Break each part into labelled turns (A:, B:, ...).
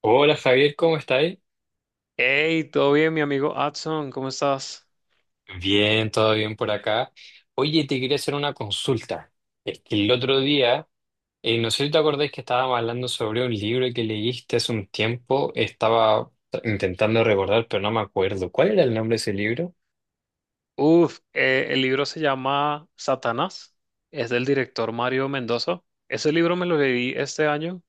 A: Hola Javier, ¿cómo estáis?
B: Hey, ¿todo bien, mi amigo Adson? ¿Cómo estás?
A: Bien, todo bien por acá. Oye, te quería hacer una consulta. Es que el otro día, no sé si te acordáis que estábamos hablando sobre un libro que leíste hace un tiempo. Estaba intentando recordar, pero no me acuerdo. ¿Cuál era el nombre de ese libro?
B: Uf, el libro se llama Satanás. Es del director Mario Mendoza. Ese libro me lo leí este año.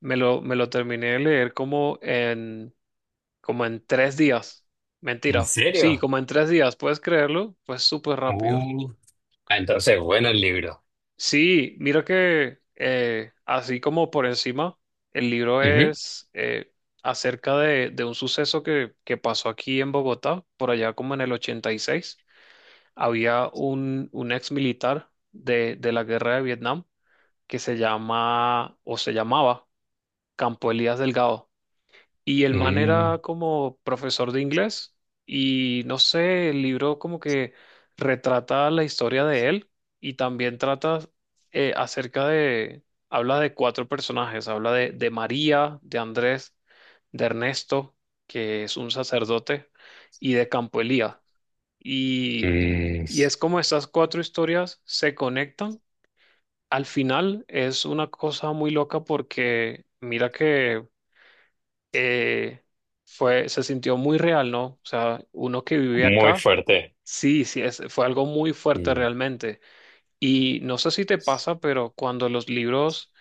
B: Me lo terminé de leer como en, como en 3 días.
A: ¿En
B: Mentira. Sí,
A: serio?
B: como en 3 días. ¿Puedes creerlo? Fue súper rápido.
A: Uh, entonces, bueno el libro.
B: Sí, mira que así como por encima, el libro
A: Ujú.
B: es acerca de un suceso que pasó aquí en Bogotá, por allá como en el 86. Había un ex militar de la guerra de Vietnam que se llama o se llamaba Campo Elías Delgado. Y el man era
A: Mm.
B: como profesor de inglés y no sé, el libro como que retrata la historia de él y también trata eh, acerca de, habla de 4 personajes, habla de María, de Andrés, de Ernesto, que es un sacerdote, y de Campo Elías. Y,
A: Mm,
B: y es como estas 4 historias se conectan. Al final es una cosa muy loca porque mira que eh, fue, se sintió muy real, ¿no? O sea, uno que vive
A: muy
B: acá,
A: fuerte.
B: sí, sí, fue algo muy fuerte
A: Mm.
B: realmente. Y no sé si te pasa, pero cuando los libros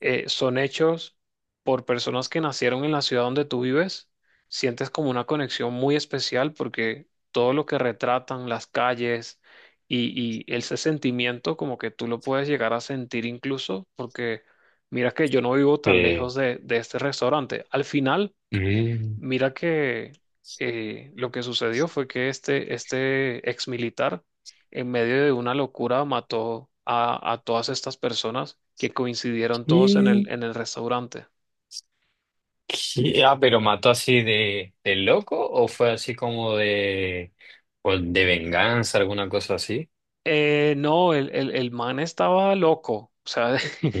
B: son hechos por personas que nacieron en la ciudad donde tú vives, sientes como una conexión muy especial porque todo lo que retratan, las calles y ese sentimiento como que tú lo puedes llegar a sentir incluso porque mira que yo no vivo tan lejos
A: Sí.
B: de este restaurante. Al final
A: Mm.
B: mira que lo que sucedió fue que este ex militar, en medio de una locura, mató a todas estas personas que coincidieron todos
A: ¿Qué?
B: en el restaurante.
A: ¿Qué? Ah, pero mató así de loco o fue así como de, o de venganza, alguna cosa así.
B: No, el man estaba loco, o sea,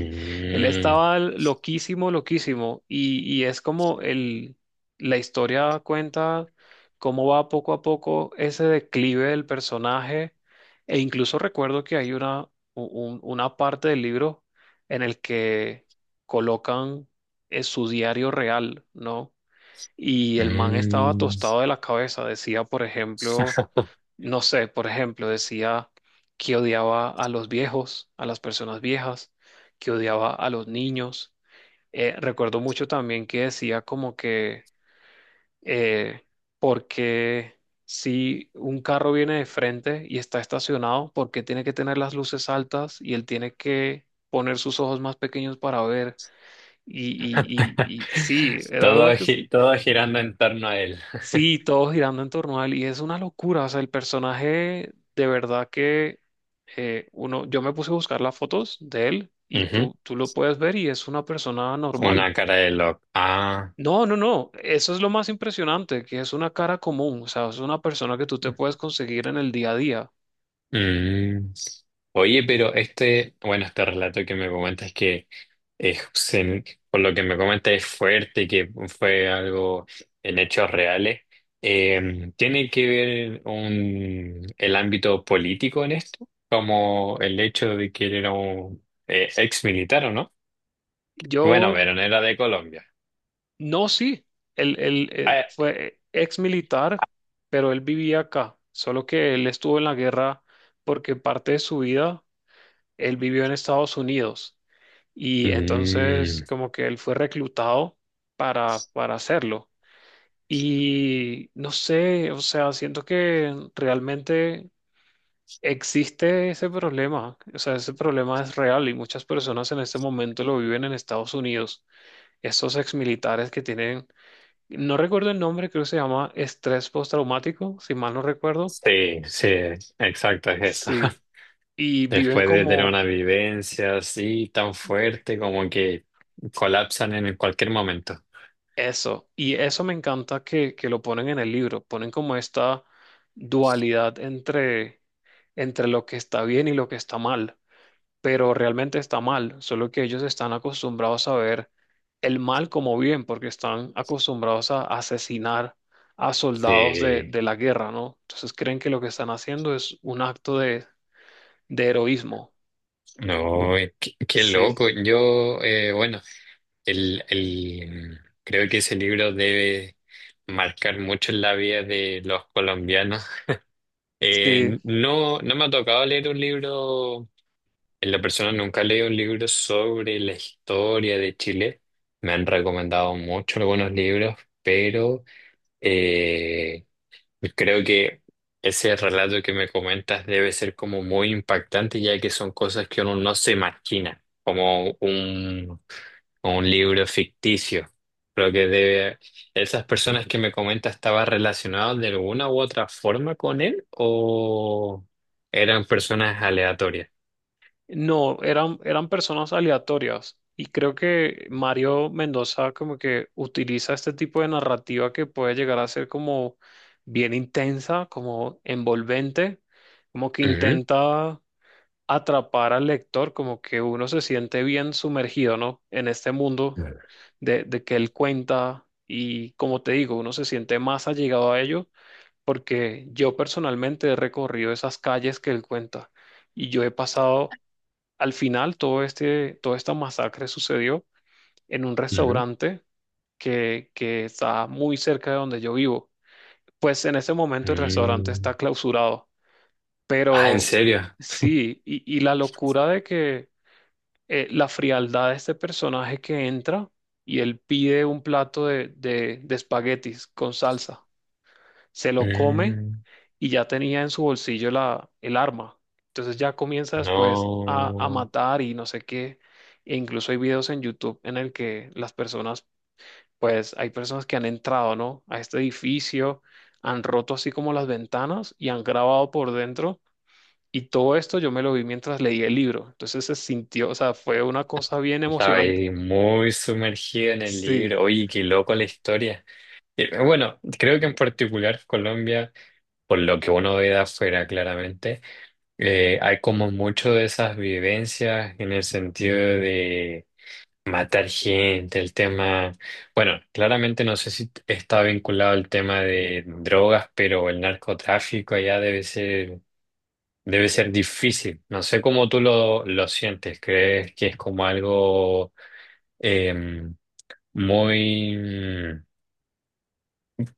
B: él estaba loquísimo, loquísimo, y es como el, la historia cuenta cómo va poco a poco ese declive del personaje, e incluso recuerdo que hay una, una parte del libro en el que colocan su diario real, ¿no? Y el man estaba
A: Mm.
B: tostado de la cabeza, decía, por ejemplo no sé, por ejemplo, decía que odiaba a los viejos, a las personas viejas, que odiaba a los niños. Recuerdo mucho también que decía como que, eh, porque si un carro viene de frente y está estacionado, ¿por qué tiene que tener las luces altas y él tiene que poner sus ojos más pequeños para ver? Y sí, era una
A: Todo,
B: cosa.
A: todo girando en torno a él.
B: Sí, todo girando en torno a él y es una locura, o sea, el personaje de verdad que uno, yo me puse a buscar las fotos de él y
A: Ujú.
B: tú lo puedes ver y es una persona normal.
A: Una cara de loco. Ah.
B: No, no, no, eso es lo más impresionante, que es una cara común, o sea, es una persona que tú te puedes conseguir en el día a día.
A: Mm. Oye, pero este, bueno, este relato que me comentas que es, se- por lo que me comentas es fuerte, que fue algo en hechos reales. ¿Tiene que ver un, el ámbito político en esto? Como el hecho de que él era un ex militar, ¿o no? Bueno,
B: Yo,
A: pero no era de Colombia.
B: no, sí, él,
A: Ah, eh.
B: fue ex militar, pero él vivía acá, solo que él estuvo en la guerra porque parte de su vida él vivió en Estados Unidos. Y entonces
A: Mm,
B: como que él fue reclutado para hacerlo. Y no sé, o sea, siento que realmente existe ese problema. O sea, ese problema es real y muchas personas en este momento lo viven en Estados Unidos. Esos exmilitares que tienen, no recuerdo el nombre, creo que se llama estrés postraumático, si mal no recuerdo.
A: sí, sí, exacto, es eso.
B: Sí. Y viven
A: Después de tener
B: como
A: una vivencia así tan fuerte como que colapsan en cualquier momento.
B: eso, y eso me encanta que lo ponen en el libro, ponen como esta dualidad entre, entre lo que está bien y lo que está mal, pero realmente está mal, solo que ellos están acostumbrados a ver el mal como bien, porque están acostumbrados a asesinar a soldados de,
A: Sí,
B: de la guerra, ¿no? Entonces creen que lo que están haciendo es un acto de heroísmo.
A: no, qué, qué
B: Sí,
A: loco. Yo, bueno, el, el, creo que ese libro debe marcar mucho en la vida de los colombianos.
B: sí.
A: No, no me ha tocado leer un libro, en la persona nunca he leído un libro sobre la historia de Chile. Me han recomendado mucho algunos libros, pero… eh, pues creo que ese relato que me comentas debe ser como muy impactante, ya que son cosas que uno no se imagina, como un libro ficticio. Creo que debe, esas personas que me comentas estaban relacionadas de alguna u otra forma con él o eran personas aleatorias.
B: No, eran, eran personas aleatorias y creo que Mario Mendoza como que utiliza este tipo de narrativa que puede llegar a ser como bien intensa, como envolvente, como que
A: Ujú.
B: intenta atrapar al lector, como que uno se siente bien sumergido, ¿no? En este mundo
A: Claro.
B: de que él cuenta y como te digo, uno se siente más allegado a ello porque yo personalmente he recorrido esas calles que él cuenta y yo he pasado. Al final, todo este, toda esta masacre sucedió en un
A: Ujú.
B: restaurante que está muy cerca de donde yo vivo. Pues en ese momento el restaurante
A: Mm.
B: está clausurado,
A: Ah, ¿en
B: pero
A: serio?
B: sí, y la locura de que la frialdad de este personaje que entra y él pide un plato de espaguetis con salsa, se lo come
A: Mm.
B: y ya tenía en su bolsillo la, el arma. Entonces ya comienza después a
A: No.
B: matar y no sé qué. E incluso hay videos en YouTube en el que las personas, pues hay personas que han entrado, ¿no? A este edificio, han roto así como las ventanas y han grabado por dentro. Y todo esto yo me lo vi mientras leí el libro. Entonces se sintió, o sea, fue una cosa bien
A: Estaba
B: emocionante.
A: ahí muy sumergido en el
B: Sí.
A: libro. Oye, qué loco la historia. Bueno, creo que en particular Colombia, por lo que uno ve de afuera claramente, hay como mucho de esas vivencias en el sentido de matar gente, el tema, bueno, claramente no sé si está vinculado al tema de drogas, pero el narcotráfico allá debe ser difícil. No sé cómo tú lo sientes. ¿Crees que es como algo… em, muy… mm,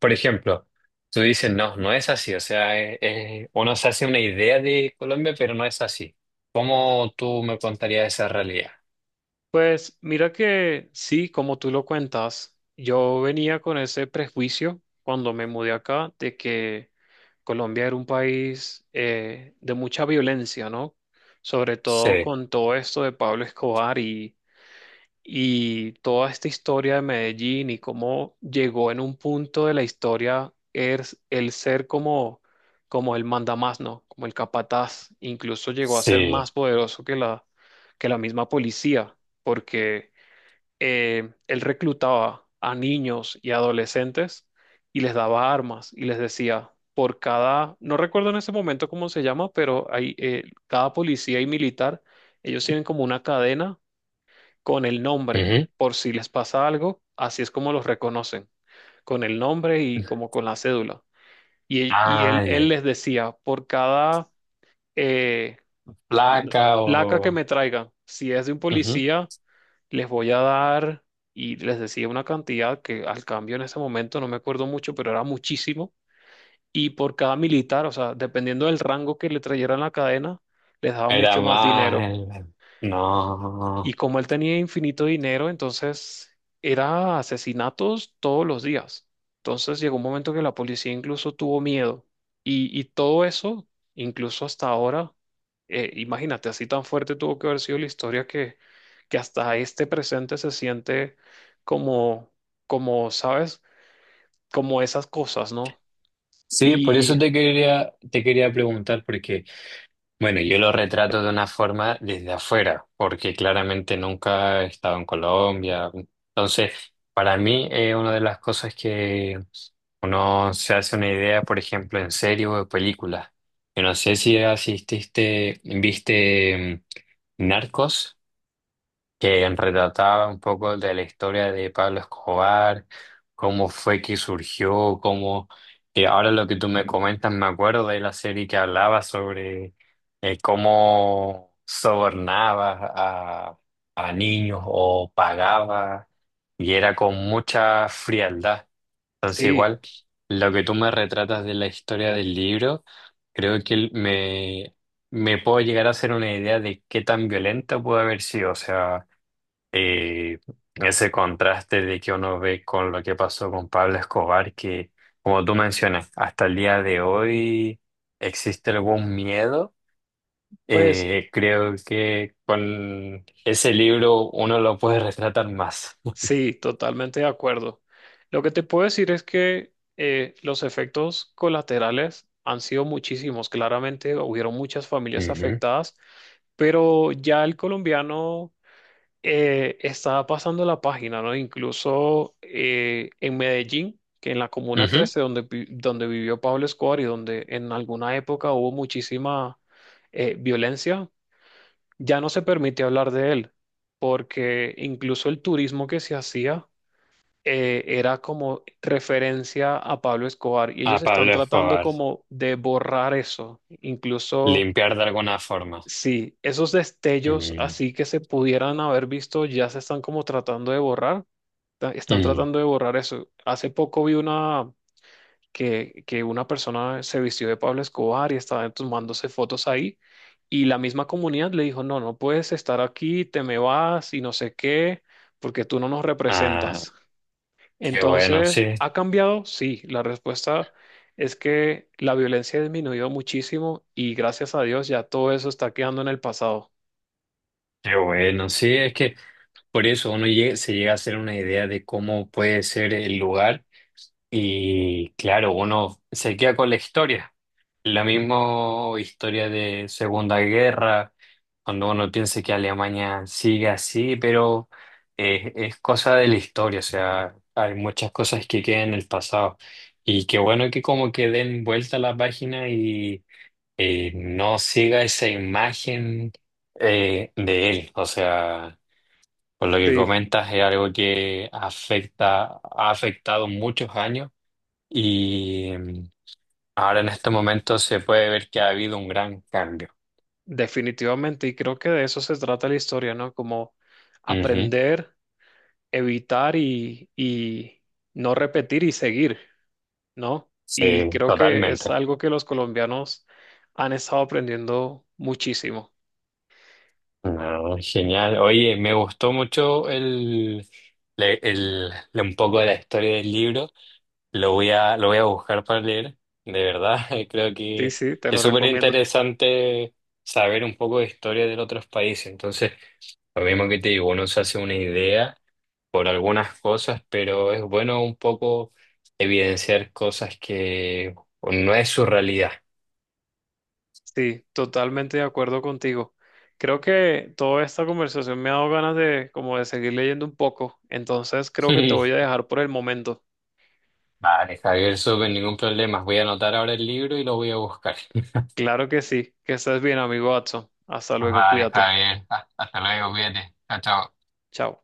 A: por ejemplo, tú dices, no, no es así. O sea, uno se hace una idea de Colombia, pero no es así. ¿Cómo tú me contarías esa realidad?
B: Pues mira que sí, como tú lo cuentas, yo venía con ese prejuicio cuando me mudé acá de que Colombia era un país de mucha violencia, ¿no? Sobre todo
A: Sí,
B: con todo esto de Pablo Escobar y toda esta historia de Medellín y cómo llegó en un punto de la historia es el ser como, como el mandamás, ¿no? Como el capataz. Incluso llegó a ser más
A: sí.
B: poderoso que la misma policía, porque él reclutaba a niños y adolescentes y les daba armas y les decía. Por cada, no recuerdo en ese momento cómo se llama, pero hay, cada policía y militar, ellos tienen como una cadena con el nombre,
A: Ujú.
B: por si les pasa algo, así es como los reconocen, con el nombre y como con la cédula.
A: Ah,
B: Él
A: ya.
B: les decía, por cada eh,
A: ¿Placa
B: placa que
A: o…?
B: me traigan, si es de un
A: Ujú.
B: policía, les voy a dar, y les decía una cantidad que al cambio en ese momento no me acuerdo mucho, pero era muchísimo. Y por cada militar, o sea, dependiendo del rango que le trajeran la cadena, les daba
A: Era
B: mucho más dinero.
A: mal.
B: Y
A: No.
B: como él tenía infinito dinero, entonces era asesinatos todos los días. Entonces llegó un momento que la policía incluso tuvo miedo. Y todo eso, incluso hasta ahora, imagínate, así tan fuerte tuvo que haber sido la historia que hasta este presente se siente como, como, ¿sabes? Como esas cosas, ¿no?
A: Sí, por
B: Y
A: eso te quería preguntar, porque bueno, yo lo retrato de una forma desde afuera, porque claramente nunca he estado en Colombia. Entonces, para mí, una de las cosas que uno se hace una idea, por ejemplo, en serie o de película. Yo no sé si asististe, viste Narcos que retrataba un poco de la historia de Pablo Escobar, cómo fue que surgió, cómo… que ahora lo que tú me comentas, me acuerdo de la serie que hablaba sobre cómo sobornaba a niños o pagaba, y era con mucha frialdad. Entonces,
B: sí,
A: igual, lo que tú me retratas de la historia del libro, creo que me puedo llegar a hacer una idea de qué tan violenta pudo haber sido. O sea, y ese contraste de que uno ve con lo que pasó con Pablo Escobar, que como tú mencionas, hasta el día de hoy existe algún miedo.
B: pues...
A: Creo que con ese libro uno lo puede retratar más.
B: Sí, totalmente de acuerdo. Lo que te puedo decir es que los efectos colaterales han sido muchísimos. Claramente hubieron muchas familias
A: Ujú.
B: afectadas, pero ya el colombiano está pasando la página, ¿no? Incluso en Medellín, que en la Comuna
A: Ujú.
B: 13, donde, donde vivió Pablo Escobar y donde en alguna época hubo muchísima violencia, ya no se permite hablar de él, porque incluso el turismo que se hacía era como referencia a Pablo Escobar y
A: A
B: ellos están
A: Pablo
B: tratando
A: Escobar,
B: como de borrar eso. Incluso,
A: limpiar de alguna forma.
B: sí, esos destellos
A: Mm.
B: así que se pudieran haber visto ya se están como tratando de borrar. Están
A: Mm.
B: tratando de borrar eso. Hace poco vi una que una persona se vistió de Pablo Escobar y estaba tomándose fotos ahí. Y la misma comunidad le dijo, no, no puedes estar aquí, te me vas y no sé qué, porque tú no nos
A: Ah,
B: representas.
A: qué bueno,
B: Entonces,
A: sí,
B: ¿ha cambiado? Sí, la respuesta es que la violencia ha disminuido muchísimo y gracias a Dios ya todo eso está quedando en el pasado.
A: qué bueno, sí, es que por eso uno se llega a hacer una idea de cómo puede ser el lugar. Y claro, uno se queda con la historia. La misma historia de Segunda Guerra, cuando uno piensa que Alemania sigue así, pero es cosa de la historia, o sea, hay muchas cosas que quedan en el pasado. Y qué bueno que como que den vuelta a la página y no siga esa imagen de él. O sea, por lo que
B: Sí,
A: comentas es algo que afecta, ha afectado muchos años y mm, ahora en este momento se puede ver que ha habido un gran cambio.
B: definitivamente. Y creo que de eso se trata la historia, ¿no? Como
A: Ujú.
B: aprender, evitar y no repetir y seguir, ¿no? Y
A: Sí,
B: creo que es
A: totalmente.
B: algo que los colombianos han estado aprendiendo muchísimo.
A: No, genial. Oye, me gustó mucho el, un poco de la historia del libro. Lo voy a buscar para leer. De verdad, creo
B: Sí,
A: que
B: sí, te
A: es
B: lo
A: súper
B: recomiendo.
A: interesante saber un poco de historia de otros países. Entonces, lo mismo que te digo, uno se hace una idea por algunas cosas, pero es bueno un poco evidenciar cosas que no es su realidad.
B: Sí, totalmente de acuerdo contigo. Creo que toda esta conversación me ha dado ganas de como de seguir leyendo un poco, entonces creo que te voy
A: Sí.
B: a dejar por el momento.
A: Vale, Javier, súper, ningún problema. Voy a anotar ahora el libro y lo voy a buscar.
B: Claro que sí, que estés bien, amigo Watson. Hasta luego,
A: Vale,
B: cuídate.
A: Javier, hasta luego, cuídate. Chao, chao.
B: Chao.